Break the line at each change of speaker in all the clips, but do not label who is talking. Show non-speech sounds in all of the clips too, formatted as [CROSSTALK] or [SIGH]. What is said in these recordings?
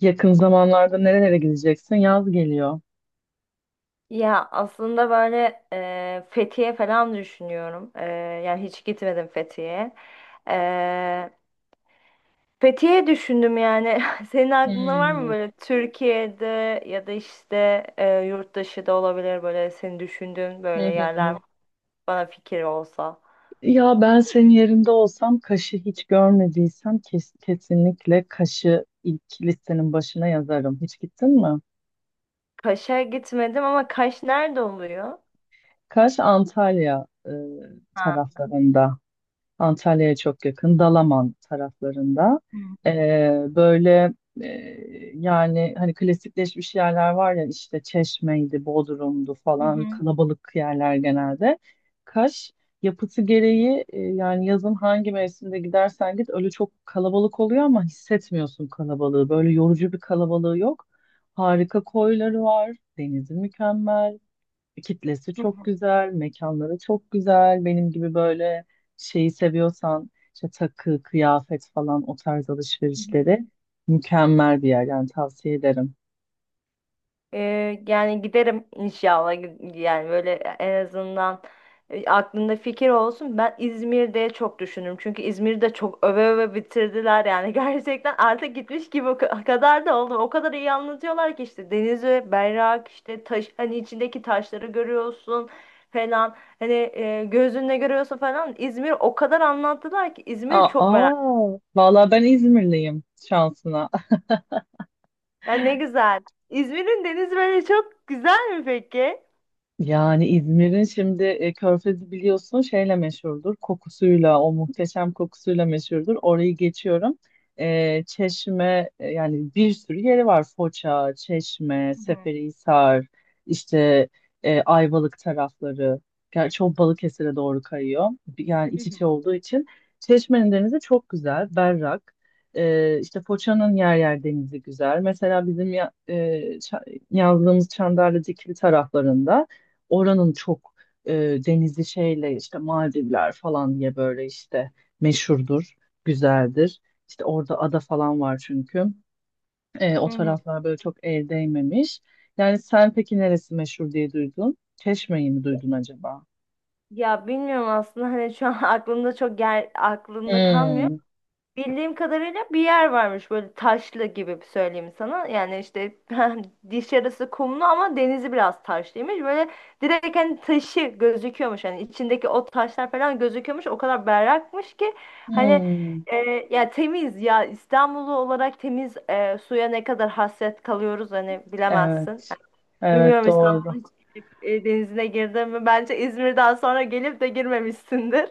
Yakın zamanlarda nerelere gideceksin? Yaz geliyor.
Ya aslında böyle Fethiye falan düşünüyorum. Yani hiç gitmedim Fethiye'ye. E, Fethiye düşündüm yani. [LAUGHS] Senin aklında var mı
Hmm.
böyle Türkiye'de ya da işte yurt dışı da olabilir böyle senin düşündüğün
Hı
böyle yerler
hı.
bana fikir olsa.
Ya ben senin yerinde olsam Kaş'ı hiç görmediysem kesinlikle Kaş'ı ilk listenin başına yazarım. Hiç gittin mi?
Kaş'a gitmedim ama Kaş nerede oluyor?
Kaş Antalya
Ha.
taraflarında. Antalya'ya çok yakın, Dalaman taraflarında.
Hı.
Ee, böyle e, yani hani klasikleşmiş yerler var ya işte Çeşme'ydi, Bodrum'du
Hı
falan
hı.
kalabalık yerler genelde. Kaş yapısı gereği yani yazın hangi mevsimde gidersen git öyle çok kalabalık oluyor ama hissetmiyorsun kalabalığı. Böyle yorucu bir kalabalığı yok. Harika koyları var, denizi mükemmel. Kitlesi
Hı
çok
hı.
güzel, mekanları çok güzel. Benim gibi böyle şeyi seviyorsan işte takı, kıyafet falan o tarz
Hı.
alışverişleri mükemmel bir yer yani tavsiye ederim.
Yani giderim inşallah yani böyle en azından aklında fikir olsun. Ben İzmir'de çok düşünürüm. Çünkü İzmir'de çok öve öve bitirdiler yani [LAUGHS] gerçekten artık gitmiş gibi o kadar da oldu. O kadar iyi anlatıyorlar ki işte denizi, berrak işte taş hani içindeki taşları görüyorsun falan. Hani gözünle görüyorsun falan. İzmir o kadar anlattılar ki İzmir'i
Aa,
çok merak.
aa vallahi ben İzmirliyim şansına.
Yani ne güzel. İzmir'in denizi böyle çok güzel mi peki?
Yani İzmir'in şimdi Körfezi biliyorsun şeyle meşhurdur. Kokusuyla, o muhteşem kokusuyla meşhurdur. Orayı geçiyorum. E, Çeşme yani bir sürü yeri var. Foça, Çeşme,
Hı hı.
Seferihisar, işte Ayvalık tarafları. Gerçi o Balıkesir'e doğru kayıyor. Yani
Hı
iç
hı.
içe olduğu için. Çeşme'nin denizi çok güzel, berrak. E, işte Foça'nın yer yer denizi güzel. Mesela bizim ça- yazdığımız Çandarlı Dikili taraflarında oranın çok e, denizli şeyle işte Maldivler falan diye böyle işte meşhurdur, güzeldir. İşte orada ada falan var çünkü. E, o
Hı hı.
taraflar böyle çok el değmemiş. Yani sen peki neresi meşhur diye duydun? Çeşme'yi mi duydun acaba?
Ya bilmiyorum aslında hani şu an [LAUGHS] aklımda çok yer aklımda kalmıyor.
Hmm,
Bildiğim kadarıyla bir yer varmış böyle taşlı gibi bir söyleyeyim sana. Yani işte [LAUGHS] diş yarısı kumlu ama denizi biraz taşlıymış. Böyle direkt hani taşı gözüküyormuş. Hani içindeki o taşlar falan gözüküyormuş. O kadar berrakmış ki hani
hmm.
e, ya temiz ya İstanbullu olarak temiz suya ne kadar hasret kalıyoruz hani bilemezsin.
Evet, evet
Bilmiyorum
doğru.
İstanbul'un hiç gelip, denizine girdin mi? Bence İzmir'den sonra gelip de girmemişsindir.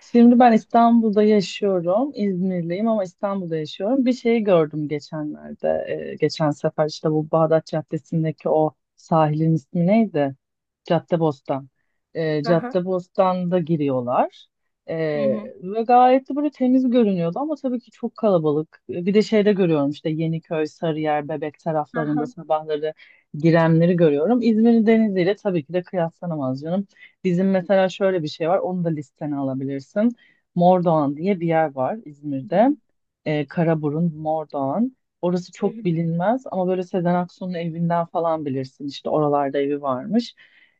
Şimdi ben İstanbul'da yaşıyorum. İzmirliyim ama İstanbul'da yaşıyorum. Bir şeyi gördüm geçenlerde. Geçen sefer işte bu Bağdat Caddesi'ndeki o sahilin ismi neydi? Caddebostan. E,
Hı hı.
Caddebostan'da giriyorlar.
Hı
E,
hı.
Ve gayet de böyle temiz görünüyordu ama tabii ki çok kalabalık. E, bir de şeyde görüyorum işte Yeniköy, Sarıyer, Bebek
Hı
taraflarında
hı.
sabahları girenleri görüyorum. İzmir'in deniziyle tabii ki de kıyaslanamaz canım. Bizim mesela şöyle bir şey var. Onu da listene alabilirsin. Mordoğan diye bir yer var
Hı
İzmir'de.
hı.
Karaburun, Mordoğan. Orası
Hı hı.
çok bilinmez ama böyle Sezen Aksu'nun evinden falan bilirsin. İşte oralarda evi varmış.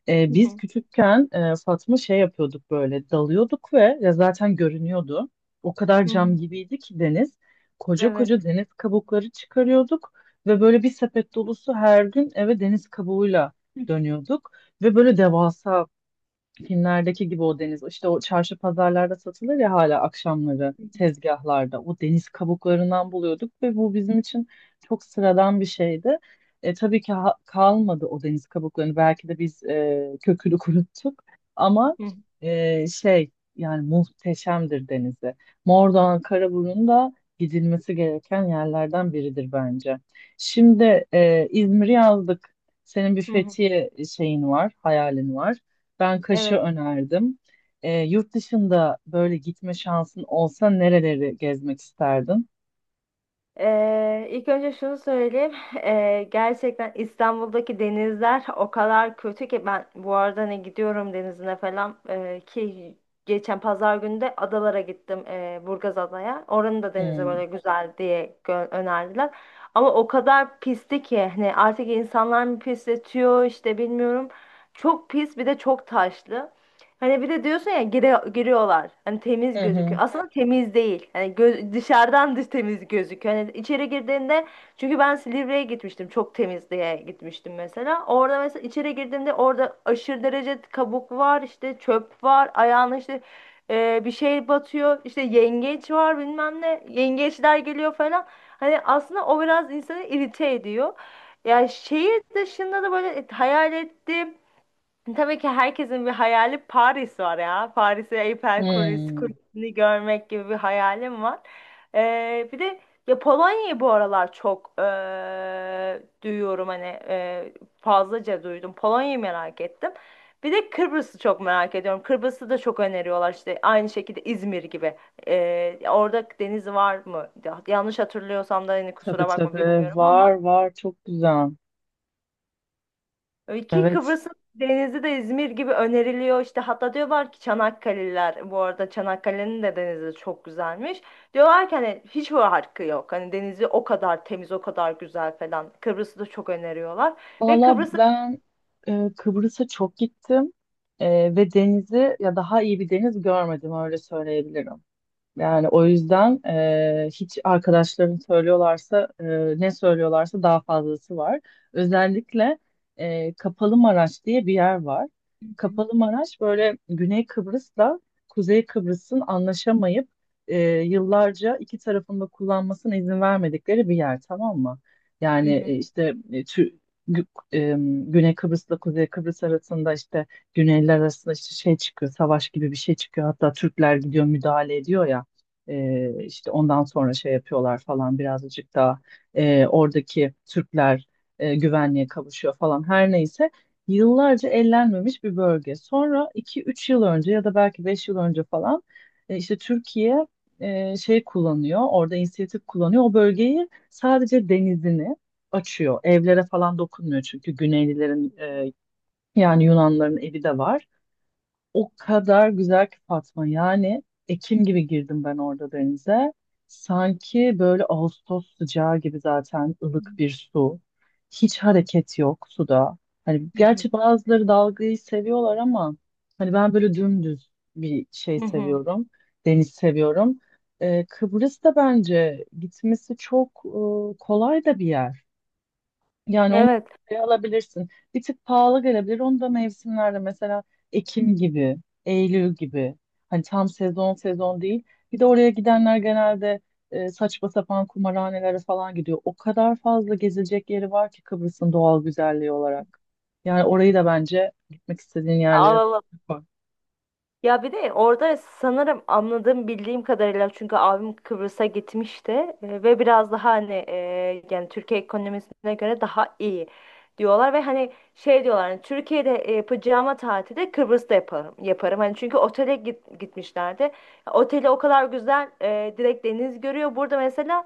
Biz küçükken Fatma şey yapıyorduk böyle dalıyorduk ve ya zaten görünüyordu. O kadar
Hı hı. Hı hı.
cam gibiydi ki deniz. Koca
Evet.
koca deniz kabukları çıkarıyorduk ve böyle bir sepet dolusu her gün eve deniz kabuğuyla
Hı hı.
dönüyorduk. Ve böyle devasa filmlerdeki gibi o deniz. İşte o çarşı pazarlarda satılır ya hala akşamları tezgahlarda. O deniz kabuklarından buluyorduk ve bu bizim için çok sıradan bir şeydi. E, tabii ki kalmadı o deniz kabuklarını. Belki de biz kökünü [LAUGHS] kuruttuk. Ama
Hı hı.
şey yani muhteşemdir denizi. Mordoğan, Karaburun da gidilmesi gereken yerlerden biridir bence. Şimdi İzmir'i yazdık. Senin bir
Hı hı.
Fethiye şeyin var, hayalin var. Ben Kaş'ı
Evet.
önerdim. Yurt dışında böyle gitme şansın olsa nereleri gezmek isterdin?
İlk önce şunu söyleyeyim. Gerçekten İstanbul'daki denizler o kadar kötü ki ben bu arada ne gidiyorum denizine falan ki geçen pazar günü de adalara gittim Burgaz Adaya. Oranın da denizi
Hmm.
böyle güzel diye önerdiler. Ama o kadar pisti ki hani artık insanlar mı pisletiyor işte bilmiyorum. Çok pis bir de çok taşlı. Hani bir de diyorsun ya giriyorlar. Hani temiz
Hı hı.
gözüküyor. Aslında temiz değil. Hani dışarıdan dış temiz gözüküyor. Hani içeri girdiğinde çünkü ben Silivri'ye gitmiştim. Çok temiz diye gitmiştim mesela. Orada mesela içeri girdiğimde orada aşırı derece kabuk var, işte çöp var, ayağına işte bir şey batıyor. İşte yengeç var bilmem ne. Yengeçler geliyor falan. Hani aslında o biraz insanı irite ediyor. Ya şehir dışında da böyle hayal ettiğim. Tabii ki herkesin bir hayali Paris var ya. Paris'i Eiffel Kulesi-
Hmm.
Kulesi'ni görmek gibi bir hayalim var. Bir de ya Polonya'yı bu aralar çok duyuyorum hani fazlaca duydum. Polonya'yı merak ettim. Bir de Kıbrıs'ı çok merak ediyorum. Kıbrıs'ı da çok öneriyorlar işte aynı şekilde İzmir gibi. Orada deniz var mı? Yanlış hatırlıyorsam da hani
Tabii
kusura bakma
tabii.
bilmiyorum
Var
ama.
var. Çok güzel.
Öyle ki
Evet.
Kıbrıs'ın denizi de İzmir gibi öneriliyor. İşte hatta diyorlar ki Çanakkale'liler bu arada Çanakkale'nin de denizi çok güzelmiş. Diyorlar ki hani hiç bu yok. Hani denizi o kadar temiz, o kadar güzel falan. Kıbrıs'ı da çok öneriyorlar. Ve
Valla
Kıbrıs'ı...
ben Kıbrıs'a çok gittim. E, Ve denizi ya daha iyi bir deniz görmedim öyle söyleyebilirim. Yani o yüzden hiç arkadaşların söylüyorlarsa ne söylüyorlarsa daha fazlası var. Özellikle Kapalı Maraş diye bir yer var.
Hı hı.
Kapalı Maraş böyle Güney Kıbrıs'la Kuzey Kıbrıs'ın anlaşamayıp yıllarca iki tarafında kullanmasına izin vermedikleri bir yer, tamam mı?
Hı
Yani
hı.
işte Gü- e, Güney Kıbrıs'la Kuzey Kıbrıs arasında işte Güneyler arasında işte şey çıkıyor, savaş gibi bir şey çıkıyor. Hatta Türkler gidiyor müdahale ediyor ya. E, işte ondan sonra şey yapıyorlar falan birazcık daha oradaki Türkler güvenliğe kavuşuyor falan her neyse. Yıllarca ellenmemiş bir bölge. Sonra iki üç yıl önce ya da belki 5 yıl önce falan işte Türkiye şey kullanıyor, orada inisiyatif kullanıyor. O bölgeyi sadece denizini açıyor. Evlere falan dokunmuyor çünkü Güneylilerin yani Yunanların evi de var. O kadar güzel ki Fatma. Yani Ekim gibi girdim ben orada denize. Sanki böyle Ağustos sıcağı gibi zaten ılık bir su. Hiç hareket yok suda. Hani
Hı hı.
gerçi bazıları dalgayı seviyorlar ama hani ben böyle dümdüz bir şey
Hı hı.
seviyorum. Deniz seviyorum. Kıbrıs da bence gitmesi çok kolay da bir yer. Yani onu
Evet.
şey alabilirsin. Bir tık pahalı gelebilir. Onu da mevsimlerde mesela Ekim gibi, Eylül gibi. Hani tam sezon sezon değil. Bir de oraya gidenler genelde saçma sapan kumarhanelere falan gidiyor. O kadar fazla gezilecek yeri var ki Kıbrıs'ın doğal güzelliği olarak. Yani orayı da bence gitmek istediğin yerlere.
Alalım. Ya bir de orada sanırım anladığım bildiğim kadarıyla çünkü abim Kıbrıs'a gitmişti, ve biraz daha hani yani Türkiye ekonomisine göre daha iyi diyorlar ve hani şey diyorlar hani Türkiye'de yapacağıma tatili Kıbrıs'ta yaparım yaparım hani çünkü otele gitmişlerdi oteli o kadar güzel, direkt deniz görüyor burada mesela.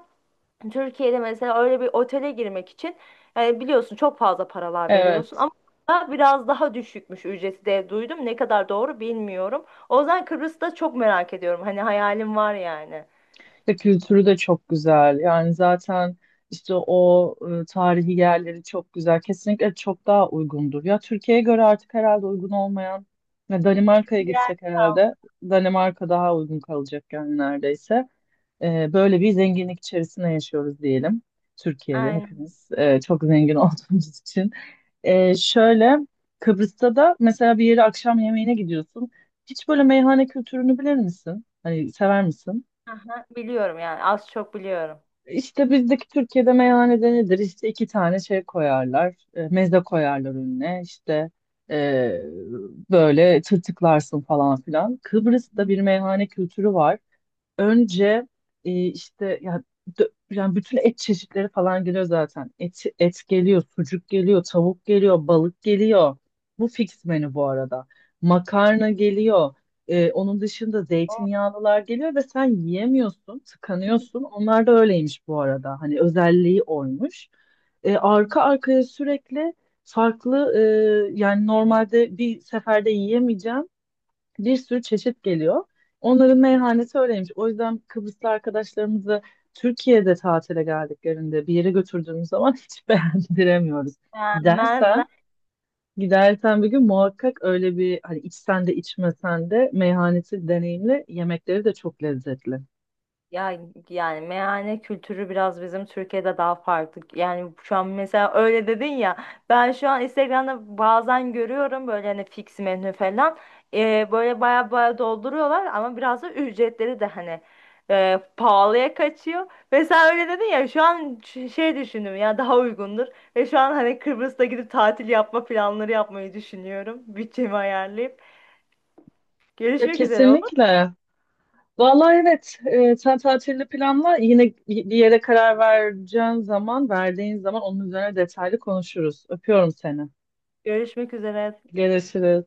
Türkiye'de mesela öyle bir otele girmek için yani biliyorsun çok fazla paralar veriyorsun
Evet.
ama burada biraz daha düşükmüş ücreti de duydum. Ne kadar doğru bilmiyorum. O yüzden Kıbrıs'ta çok merak ediyorum. Hani hayalim var yani.
Ve kültürü de çok güzel. Yani zaten işte o tarihi yerleri çok güzel. Kesinlikle çok daha uygundur. Ya Türkiye'ye göre artık herhalde uygun olmayan ya Danimarka'ya
Bir yer
gitsek
kaldı.
herhalde Danimarka daha uygun kalacak yani neredeyse. E, böyle bir zenginlik içerisinde yaşıyoruz diyelim. Türkiye'de
Aynen.
hepimiz çok zengin [LAUGHS] olduğumuz için. E, şöyle Kıbrıs'ta da mesela bir yere akşam yemeğine gidiyorsun. Hiç böyle meyhane kültürünü bilir misin? Hani sever misin?
Aha, biliyorum yani az çok biliyorum.
İşte bizdeki Türkiye'de meyhanede nedir? İşte iki tane şey koyarlar. Meze koyarlar önüne. İşte e, böyle tırtıklarsın falan filan. Kıbrıs'ta
Hı.
bir meyhane kültürü var. Önce işte ya yani bütün et çeşitleri falan geliyor zaten. Et geliyor, sucuk geliyor, tavuk geliyor, balık geliyor. Bu fix menü bu arada. Makarna geliyor. Onun dışında
O.
zeytinyağlılar geliyor ve sen yiyemiyorsun, tıkanıyorsun. Onlar da öyleymiş bu arada. Hani özelliği oymuş. Arka arkaya sürekli farklı yani normalde bir seferde yiyemeyeceğim bir sürü çeşit geliyor. Onların meyhanesi öyleymiş. O yüzden Kıbrıslı arkadaşlarımızı Türkiye'de tatile geldiklerinde bir yere götürdüğümüz zaman [LAUGHS] hiç beğendiremiyoruz.
Beğenmezler.
Gidersen Gidersen bir gün muhakkak öyle bir hani içsen de içmesen de meyhanesi deneyimle yemekleri de çok lezzetli.
Ya yani meyhane kültürü biraz bizim Türkiye'de daha farklı. Yani şu an mesela öyle dedin ya. Ben şu an Instagram'da bazen görüyorum böyle hani fix menü falan. Böyle baya baya dolduruyorlar ama biraz da ücretleri de hani pahalıya kaçıyor. Mesela öyle dedin ya şu an şey düşündüm ya daha uygundur. Ve şu an hani Kıbrıs'ta gidip tatil yapma planları yapmayı düşünüyorum. Bütçemi ayarlayıp.
Ya
Görüşmek üzere olur mu?
kesinlikle. Vallahi evet sen tatilini planla yine bir yere karar vereceğin zaman verdiğin zaman onun üzerine detaylı konuşuruz. Öpüyorum seni.
Görüşmek üzere.
Görüşürüz.